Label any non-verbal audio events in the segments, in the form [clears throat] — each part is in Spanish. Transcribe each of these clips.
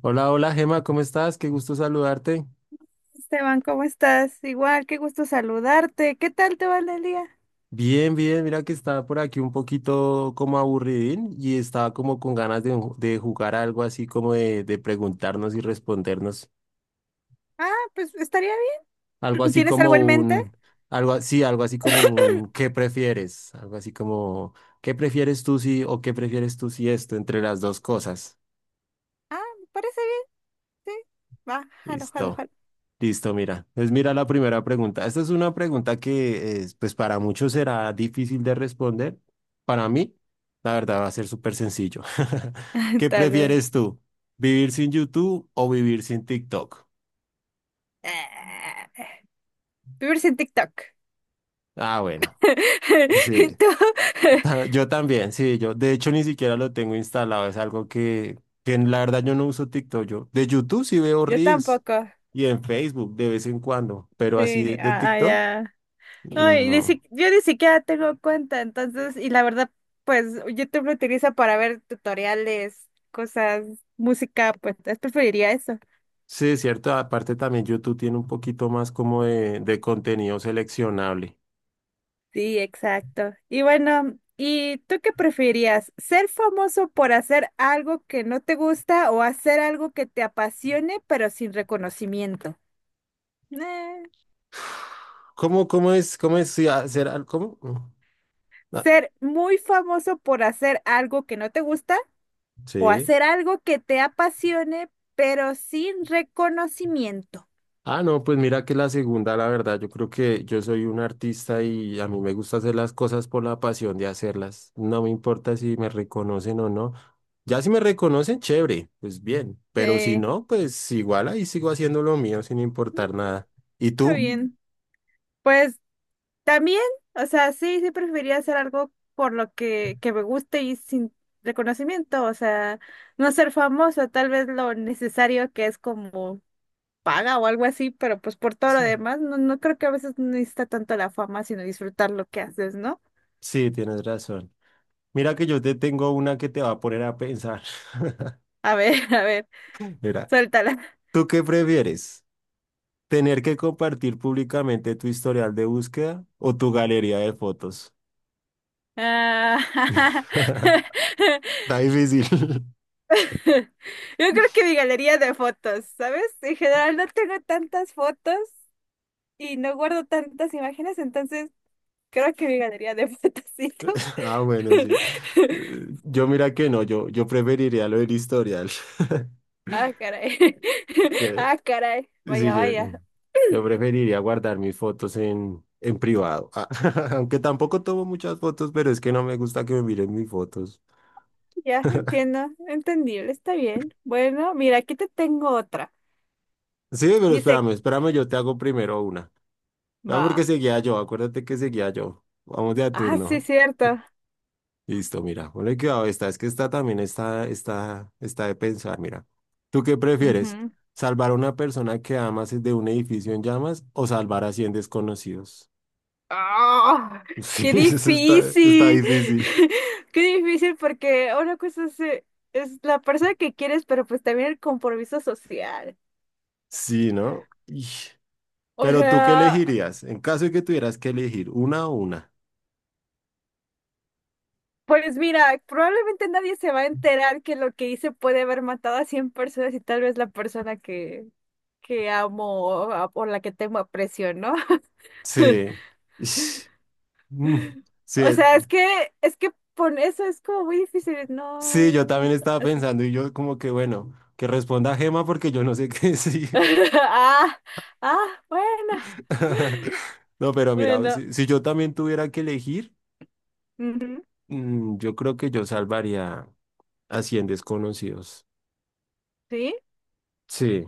Hola, hola Gema, ¿cómo estás? Qué gusto saludarte. Esteban, ¿cómo estás? Igual, qué gusto saludarte. ¿Qué tal te va el día? Bien, bien, mira que estaba por aquí un poquito como aburridín y estaba como con ganas de jugar algo así como de preguntarnos y respondernos. Ah, pues estaría Algo bien. [clears throat] así ¿Tienes algo como en mente? un, Algo así como un ¿qué prefieres? Algo así como qué prefieres tú si esto entre las dos cosas? Ah, me parece bien, sí. Va, jalo, jalo, Listo. jalo. Listo, mira. Pues mira la primera pregunta. Esta es una pregunta que, pues para muchos será difícil de responder. Para mí, la verdad, va a ser súper sencillo. [laughs] [laughs] ¿Qué Tal vez. prefieres tú? ¿Vivir sin YouTube o vivir sin TikTok? Ah, vives en TikTok. Ah, bueno. [laughs] Sí, ¿Y tú? [laughs] [laughs] Yo también, sí, yo. De hecho, ni siquiera lo tengo instalado. Es algo que en la verdad yo no uso TikTok. Yo de YouTube sí veo Yo Reels tampoco. y en Facebook de vez en cuando, pero así Sí, de ah, ah, TikTok, ya. No, y ni no. si- yo ni siquiera tengo cuenta, entonces, y la verdad, pues YouTube lo utilizo para ver tutoriales, cosas, música, pues entonces preferiría eso. Sí, es cierto. Aparte también YouTube tiene un poquito más como de contenido seleccionable. Sí, exacto. Y bueno, ¿y tú qué preferirías? ¿Ser famoso por hacer algo que no te gusta o hacer algo que te apasione pero sin reconocimiento? Eh, ¿Cómo es sí, cómo? Ah, ¿Ser muy famoso por hacer algo que no te gusta o sí. hacer algo que te apasione pero sin reconocimiento? Ah, no, pues mira que la segunda, la verdad, yo creo que yo soy un artista y a mí me gusta hacer las cosas por la pasión de hacerlas. No me importa si me reconocen o no. Ya si me reconocen, chévere, pues bien. Pero si Sí, no, pues igual ahí sigo haciendo lo mío sin importar nada. ¿Y está tú? Mm. bien. Pues también, o sea, sí preferiría hacer algo por lo que me guste y sin reconocimiento, o sea, no ser famoso, tal vez lo necesario que es como paga o algo así, pero pues por todo lo Sí, demás, no, no creo que a veces no necesita tanto la fama, sino disfrutar lo que haces, ¿no? sí, tienes razón. Mira que yo te tengo una que te va a poner a pensar. [laughs] A ver, [laughs] a ver, Mira, suéltala. ¿tú qué prefieres? ¿Tener que compartir públicamente tu historial de búsqueda o tu galería de fotos? Ah, [laughs] [laughs] Está difícil. [laughs] yo creo que mi galería de fotos, ¿sabes? En general no tengo tantas fotos y no guardo tantas imágenes, entonces... Creo que me ganaría de patacito. Ah, bueno, sí. [laughs] Yo mira que no, yo preferiría lo del historial. [laughs] Ah, caray. Yo- [laughs] Ah, caray. sí, Vaya, yo, vaya. yo preferiría guardar mis fotos en privado. Ah, [laughs] aunque tampoco tomo muchas fotos, pero es que no me gusta que me miren mis fotos. Ya entiendo. Entendible. Está bien. Bueno, mira, aquí te tengo otra. Sí, pero Dice, espérame, espérame, yo te hago primero una. No, va. porque seguía yo, acuérdate que seguía yo. Vamos de a Ah, sí, turno. cierto. Listo, mira, ponle cuidado esta, es que esta también está de pensar, mira. ¿Tú qué prefieres? Ujú. ¿Salvar a una persona que amas de un edificio en llamas o salvar a 100 desconocidos? ¡Ah! [laughs] Sí, ¡Qué eso está difícil! difícil. [laughs] ¡Qué difícil! Porque una cosa es la persona que quieres, pero pues también el compromiso social. Sí, ¿no? Ish. O Pero ¿tú qué sea. elegirías? En caso de que tuvieras que elegir una o una. Pues mira, probablemente nadie se va a enterar que lo que hice puede haber matado a 100 personas y tal vez la persona que amo o la que tengo aprecio, ¿no? [laughs] Sí. Ish. Mm. Sí, O sea, es que por eso es como muy difícil, sí, yo no. también estaba [laughs] pensando y yo como que bueno, que responda Gema porque yo no sé qué decir. Ah, ah, bueno, [laughs] No, pero mira, bueno. si yo también tuviera que elegir, Ujú, yo creo que yo salvaría a 100 desconocidos. ¿sí? Sí,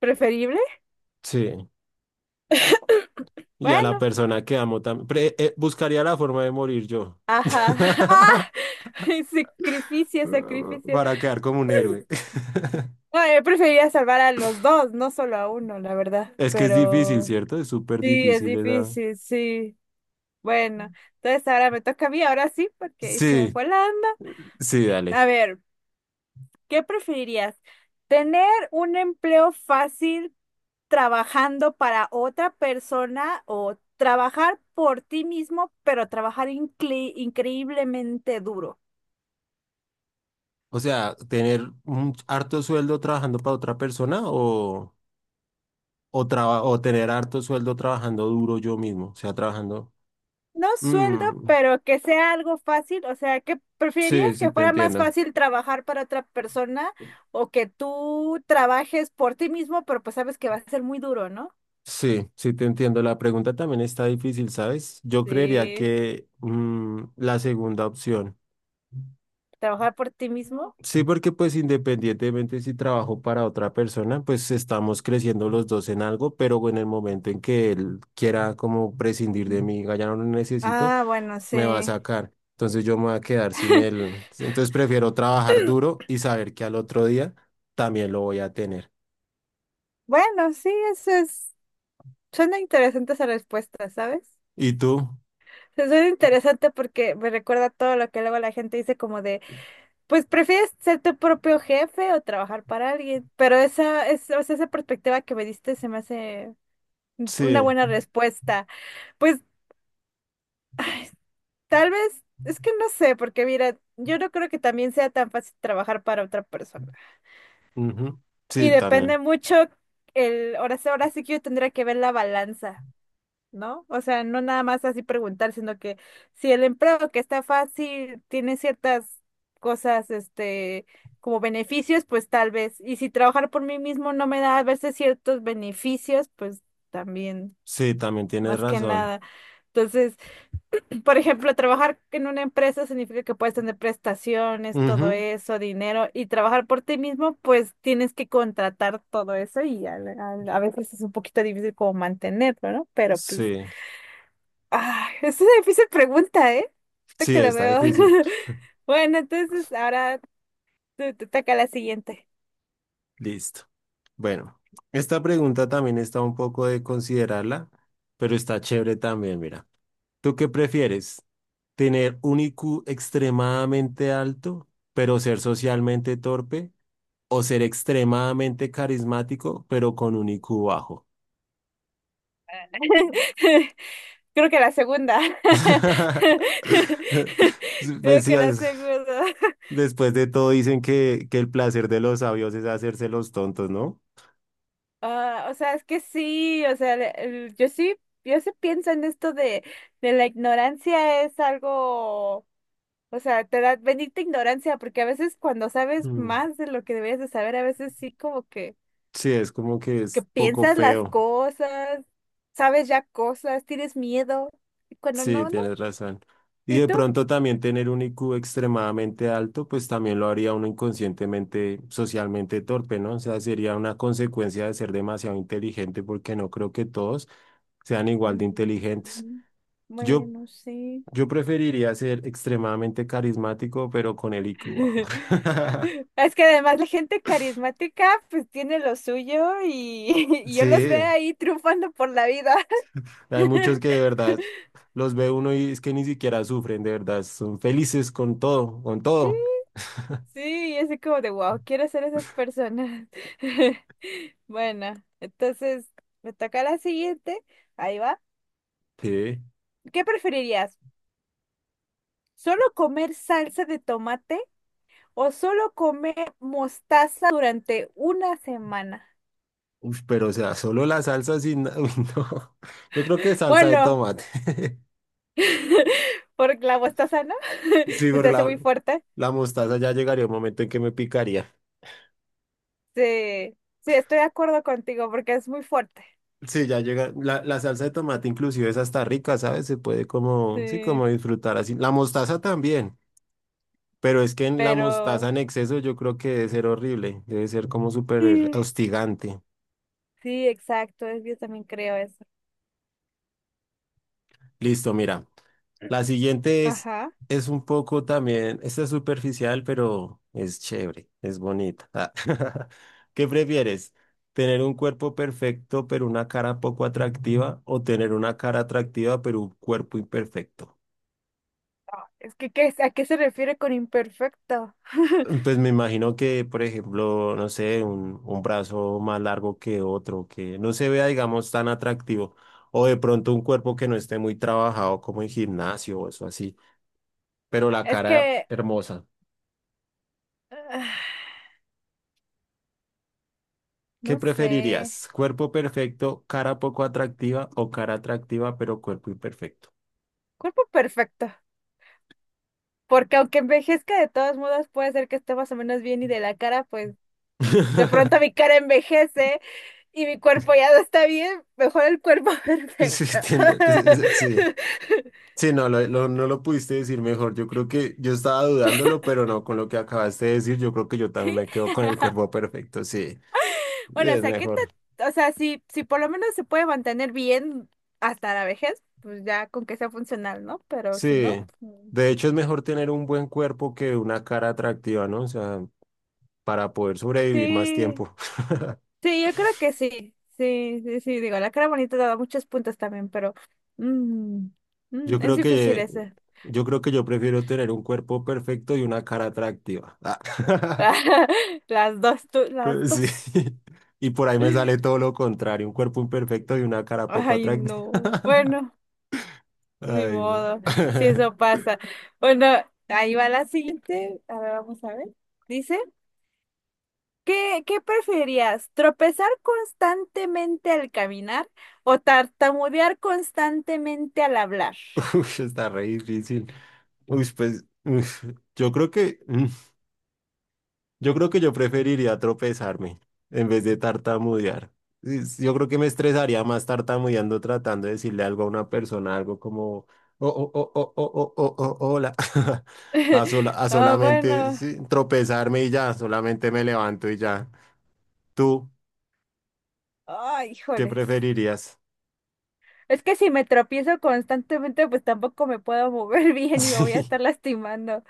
¿Preferible? sí. Y a la Bueno, persona que amo también. Buscaría la forma de morir yo. ajá. [laughs] Ah, [laughs] [laughs] sacrificio, sacrificio. Para quedar como un héroe. [laughs] No, yo preferiría salvar a los dos, no solo a uno, la verdad. Es que es difícil, Pero ¿cierto? Es súper sí, es difícil esa. difícil, sí. Bueno, entonces ahora me toca a mí, ahora sí, porque ahí se me Sí, fue la onda. sí, dale. A ver, ¿qué preferirías? ¿Tener un empleo fácil trabajando para otra persona o trabajar por ti mismo, pero trabajar increíblemente duro? O sea, tener un harto sueldo trabajando para otra persona o tener harto sueldo trabajando duro yo mismo, o sea, trabajando. No sueldo, Mm, pero que sea algo fácil. O sea, ¿que sí, preferirías sí, que te fuera más entiendo. fácil trabajar para otra persona o que tú trabajes por ti mismo, pero pues sabes que va a ser muy duro, ¿no? Sí, sí, te entiendo. La pregunta también está difícil, ¿sabes? Yo creería Sí. que la segunda opción. Trabajar por ti mismo. Sí, porque pues independientemente si trabajo para otra persona, pues estamos creciendo los dos en algo, pero en el momento en que él quiera como prescindir de mí, diga, ya no lo necesito. Ah, bueno, Me va a sí. sacar. Entonces yo me voy a quedar sin él. Entonces prefiero trabajar duro y saber que al otro día también lo voy a tener. Bueno, sí, eso es. Suena interesante esa respuesta, ¿sabes? ¿Y tú? Se Suena interesante porque me recuerda todo lo que luego la gente dice como de pues prefieres ser tu propio jefe o trabajar para alguien, pero o sea, esa perspectiva que me diste se me hace una Sí, buena respuesta. Pues tal vez, es que no sé, porque mira, yo no creo que también sea tan fácil trabajar para otra persona. ujú, Y sí, también. depende mucho el, ahora sí que yo tendría que ver la balanza. ¿No? O sea, no nada más así preguntar, sino que si el empleo que está fácil tiene ciertas cosas, este, como beneficios, pues tal vez. Y si trabajar por mí mismo no me da a veces ciertos beneficios, pues también, Sí, también tienes más que razón. nada. Entonces, [clears throat] por ejemplo, trabajar en una empresa significa que puedes tener prestaciones, todo Ujú, eso, dinero, y trabajar por ti mismo, pues tienes que contratar todo eso y a veces es un poquito difícil como mantenerlo, ¿no? Pero pues sí, ah, [laughs] es una difícil pregunta, ¿eh? Ahorita sí, que la está veo. difícil. [laughs] Bueno, entonces ahora te toca la siguiente. Listo. Bueno, esta pregunta también está un poco de considerarla, pero está chévere también, mira. ¿Tú qué prefieres? ¿Tener un IQ extremadamente alto, pero ser socialmente torpe? O ser extremadamente carismático, pero con un IQ bajo. [laughs] Creo que la segunda. [laughs] [laughs] Pues Creo sí, que la segunda. [laughs] después de todo dicen que el placer de los sabios es hacerse los tontos, ¿no? Ah, o sea, es que sí, o sea, yo sí, yo sí pienso en esto de la ignorancia es algo, o sea, te da bendita ignorancia, porque a veces cuando sabes Mm. más de lo que deberías de saber, a veces sí como Sí, es como que que es poco piensas las feo. cosas, sabes ya cosas, tienes miedo, y cuando Sí, no, no. tienes razón. Y ¿Y de tú? pronto también tener un IQ extremadamente alto, pues también lo haría uno inconscientemente, socialmente torpe, ¿no? O sea, sería una consecuencia de ser demasiado inteligente porque no creo que todos sean igual de inteligentes. Mm, Yo, bueno, sí. yo preferiría ser extremadamente carismático, pero con el IQ bajo. [laughs] [laughs] Es que además la gente carismática pues tiene lo suyo y, [laughs] y yo los veo Sí, ahí triunfando por la vida. [laughs] hay muchos que de verdad los ve uno y es que ni siquiera sufren, de verdad, son felices con todo, con Sí, todo. sí, y así como de wow, quiero ser esas personas. [laughs] Bueno, entonces me toca la siguiente. Ahí va. Sí, ¿Qué preferirías? ¿Solo comer salsa de tomate o solo comer mostaza durante una semana? uf, pero o sea, solo la salsa sin... [laughs] uy, no. Yo creo que salsa de Bueno, tomate. [laughs] [laughs] porque la mostaza, ¿no? [laughs] Sí, Se te porque hace la, muy fuerte. la mostaza ya llegaría un momento en que me picaría. Sí, sí, estoy de acuerdo contigo porque es muy fuerte. Sí, ya llega. La salsa de tomate inclusive es hasta rica, ¿sabes? Se puede como, sí, como Sí, disfrutar así. La mostaza también. Pero es que en la pero mostaza en exceso yo creo que debe ser horrible, debe ser como súper sí, hostigante. sí, exacto, yo también creo eso. Listo, mira. La siguiente es, Ajá. es un poco también, esta es superficial, pero es chévere, es bonita. Ah, [laughs] ¿Qué prefieres? ¿Tener un cuerpo perfecto pero una cara poco atractiva o tener una cara atractiva pero un cuerpo imperfecto? Ah, es que, ¿qué es- ¿a qué se refiere con imperfecto? Pues [laughs] me imagino que, por ejemplo, no sé, un brazo más largo que otro, que no se vea, digamos, tan atractivo, o de pronto un cuerpo que no esté muy trabajado como en gimnasio o eso así, pero la Es cara que, hermosa. ah, ¿Qué no sé, preferirías? ¿Cuerpo perfecto, cara poco atractiva o cara atractiva pero cuerpo imperfecto? cuerpo perfecto. Porque aunque envejezca de todos modos puede ser que esté más o menos bien y de la cara, pues de pronto mi [laughs] cara envejece y mi cuerpo ya no está bien, mejor el cuerpo [laughs] Sí, perfecto. entiendo. [laughs] Sí. [laughs] Sí, no, no lo pudiste decir mejor. Yo creo que yo estaba dudándolo, pero no, con lo que acabaste de decir, yo creo que yo también Sí. me quedo con el cuerpo [laughs] perfecto. Sí, sí, Bueno, o es sea, ¿qué mejor. te- o sea, si, si por lo menos se puede mantener bien hasta la vejez, pues ya con que sea funcional, ¿no? Pero si no, Sí. pues, De hecho, es mejor tener un buen cuerpo que una cara atractiva, ¿no? O sea, para poder sobrevivir más sí, tiempo. [laughs] sí, yo creo que sí, sí, sí, sí, digo, la cara bonita te da muchos puntos también, pero mm, Yo mm, es creo difícil que, ese. yo creo que yo prefiero tener un cuerpo perfecto y una cara atractiva. Ah. [laughs] [laughs] Las dos, tú, las Sí. dos. Y por ahí me sale todo lo contrario, un cuerpo imperfecto y una cara poco Ay, atractiva. no. [laughs] Bueno. Ni Ay, no. modo, si eso [laughs] pasa. Bueno, ahí va la siguiente. A ver, vamos a ver. Dice, ¿qué, qué preferías? ¿Tropezar constantemente al caminar o tartamudear constantemente al hablar? Uf, está re difícil. Uy, pues, uf, yo creo que, mm, yo creo que yo preferiría tropezarme en vez de tartamudear. Yo creo que me estresaría más tartamudeando tratando de decirle algo a una persona, algo como, oh, oh, oh, oh, oh, oh, oh, oh, hola. [laughs] A, sola- [laughs] a Ah, solamente bueno. sí, tropezarme y ya, solamente me levanto y ya. ¿Tú Ay, qué híjoles. preferirías? Es que si me tropiezo constantemente, pues tampoco me puedo mover [laughs] [laughs] bien y me voy a Sí, estar lastimando.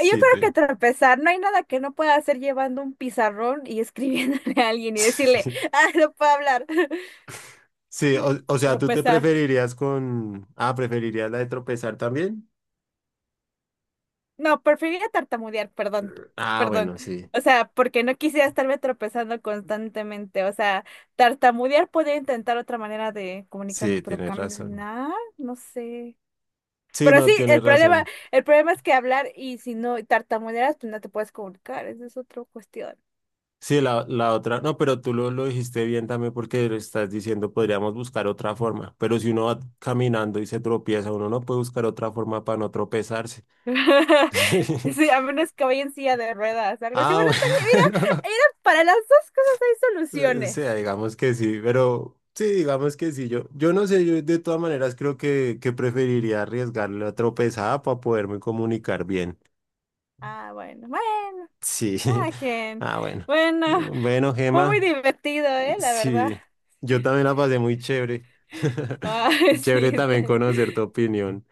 Yo creo que tú. tropezar, no hay nada que no pueda hacer llevando un pizarrón y [laughs] escribiéndole a alguien y decirle, [laughs] ah, no puedo hablar. [laughs] Sí, o sea, ¿tú te Tropezar. preferirías con... Ah, ¿preferirías la de tropezar también? No, preferiría tartamudear, perdón, Ah, perdón. bueno, sí, O sea, porque no quisiera estarme tropezando constantemente. O sea, tartamudear podría intentar otra manera de comunicarme, sí, pero tienes razón. caminar, no sé. Sí, Pero sí, no, tienes razón. el problema es que hablar y si no tartamudeas, pues no te puedes comunicar. Esa es otra cuestión. Sí, la otra, no, pero tú lo dijiste bien también porque lo estás diciendo, podríamos buscar otra forma, pero si uno va caminando y se tropieza, uno no puede buscar otra forma para no tropezarse. [laughs] [laughs] Sí, a menos que vaya en silla de ruedas, algo así. Ah, Bueno, está bien, mira, bueno. [laughs] mira, para las dos cosas hay O soluciones. sea, digamos que sí, pero sí, digamos que sí. Yo no sé, yo de todas maneras creo que preferiría arriesgar la tropezada para poderme comunicar bien. Ah, bueno, Sí. [laughs] cada quien. Ah, bueno. Bueno, Bueno, fue muy Gema, divertido, ¿eh? La verdad. sí. Yo también la pasé muy chévere. [laughs] Ay, [laughs] sí, Chévere está también bien. conocer tu opinión.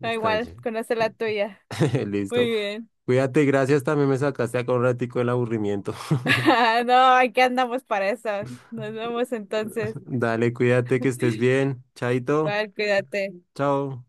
Da Está igual, ch- conocer la tuya. [laughs] Muy Listo. bien. Cuídate, gracias. También me sacaste acá un ratico del aburrimiento. [laughs] No, aquí andamos para eso. Nos vemos entonces. [laughs] Dale, cuídate, que estés bien. Chaito. Igual, cuídate. Chao.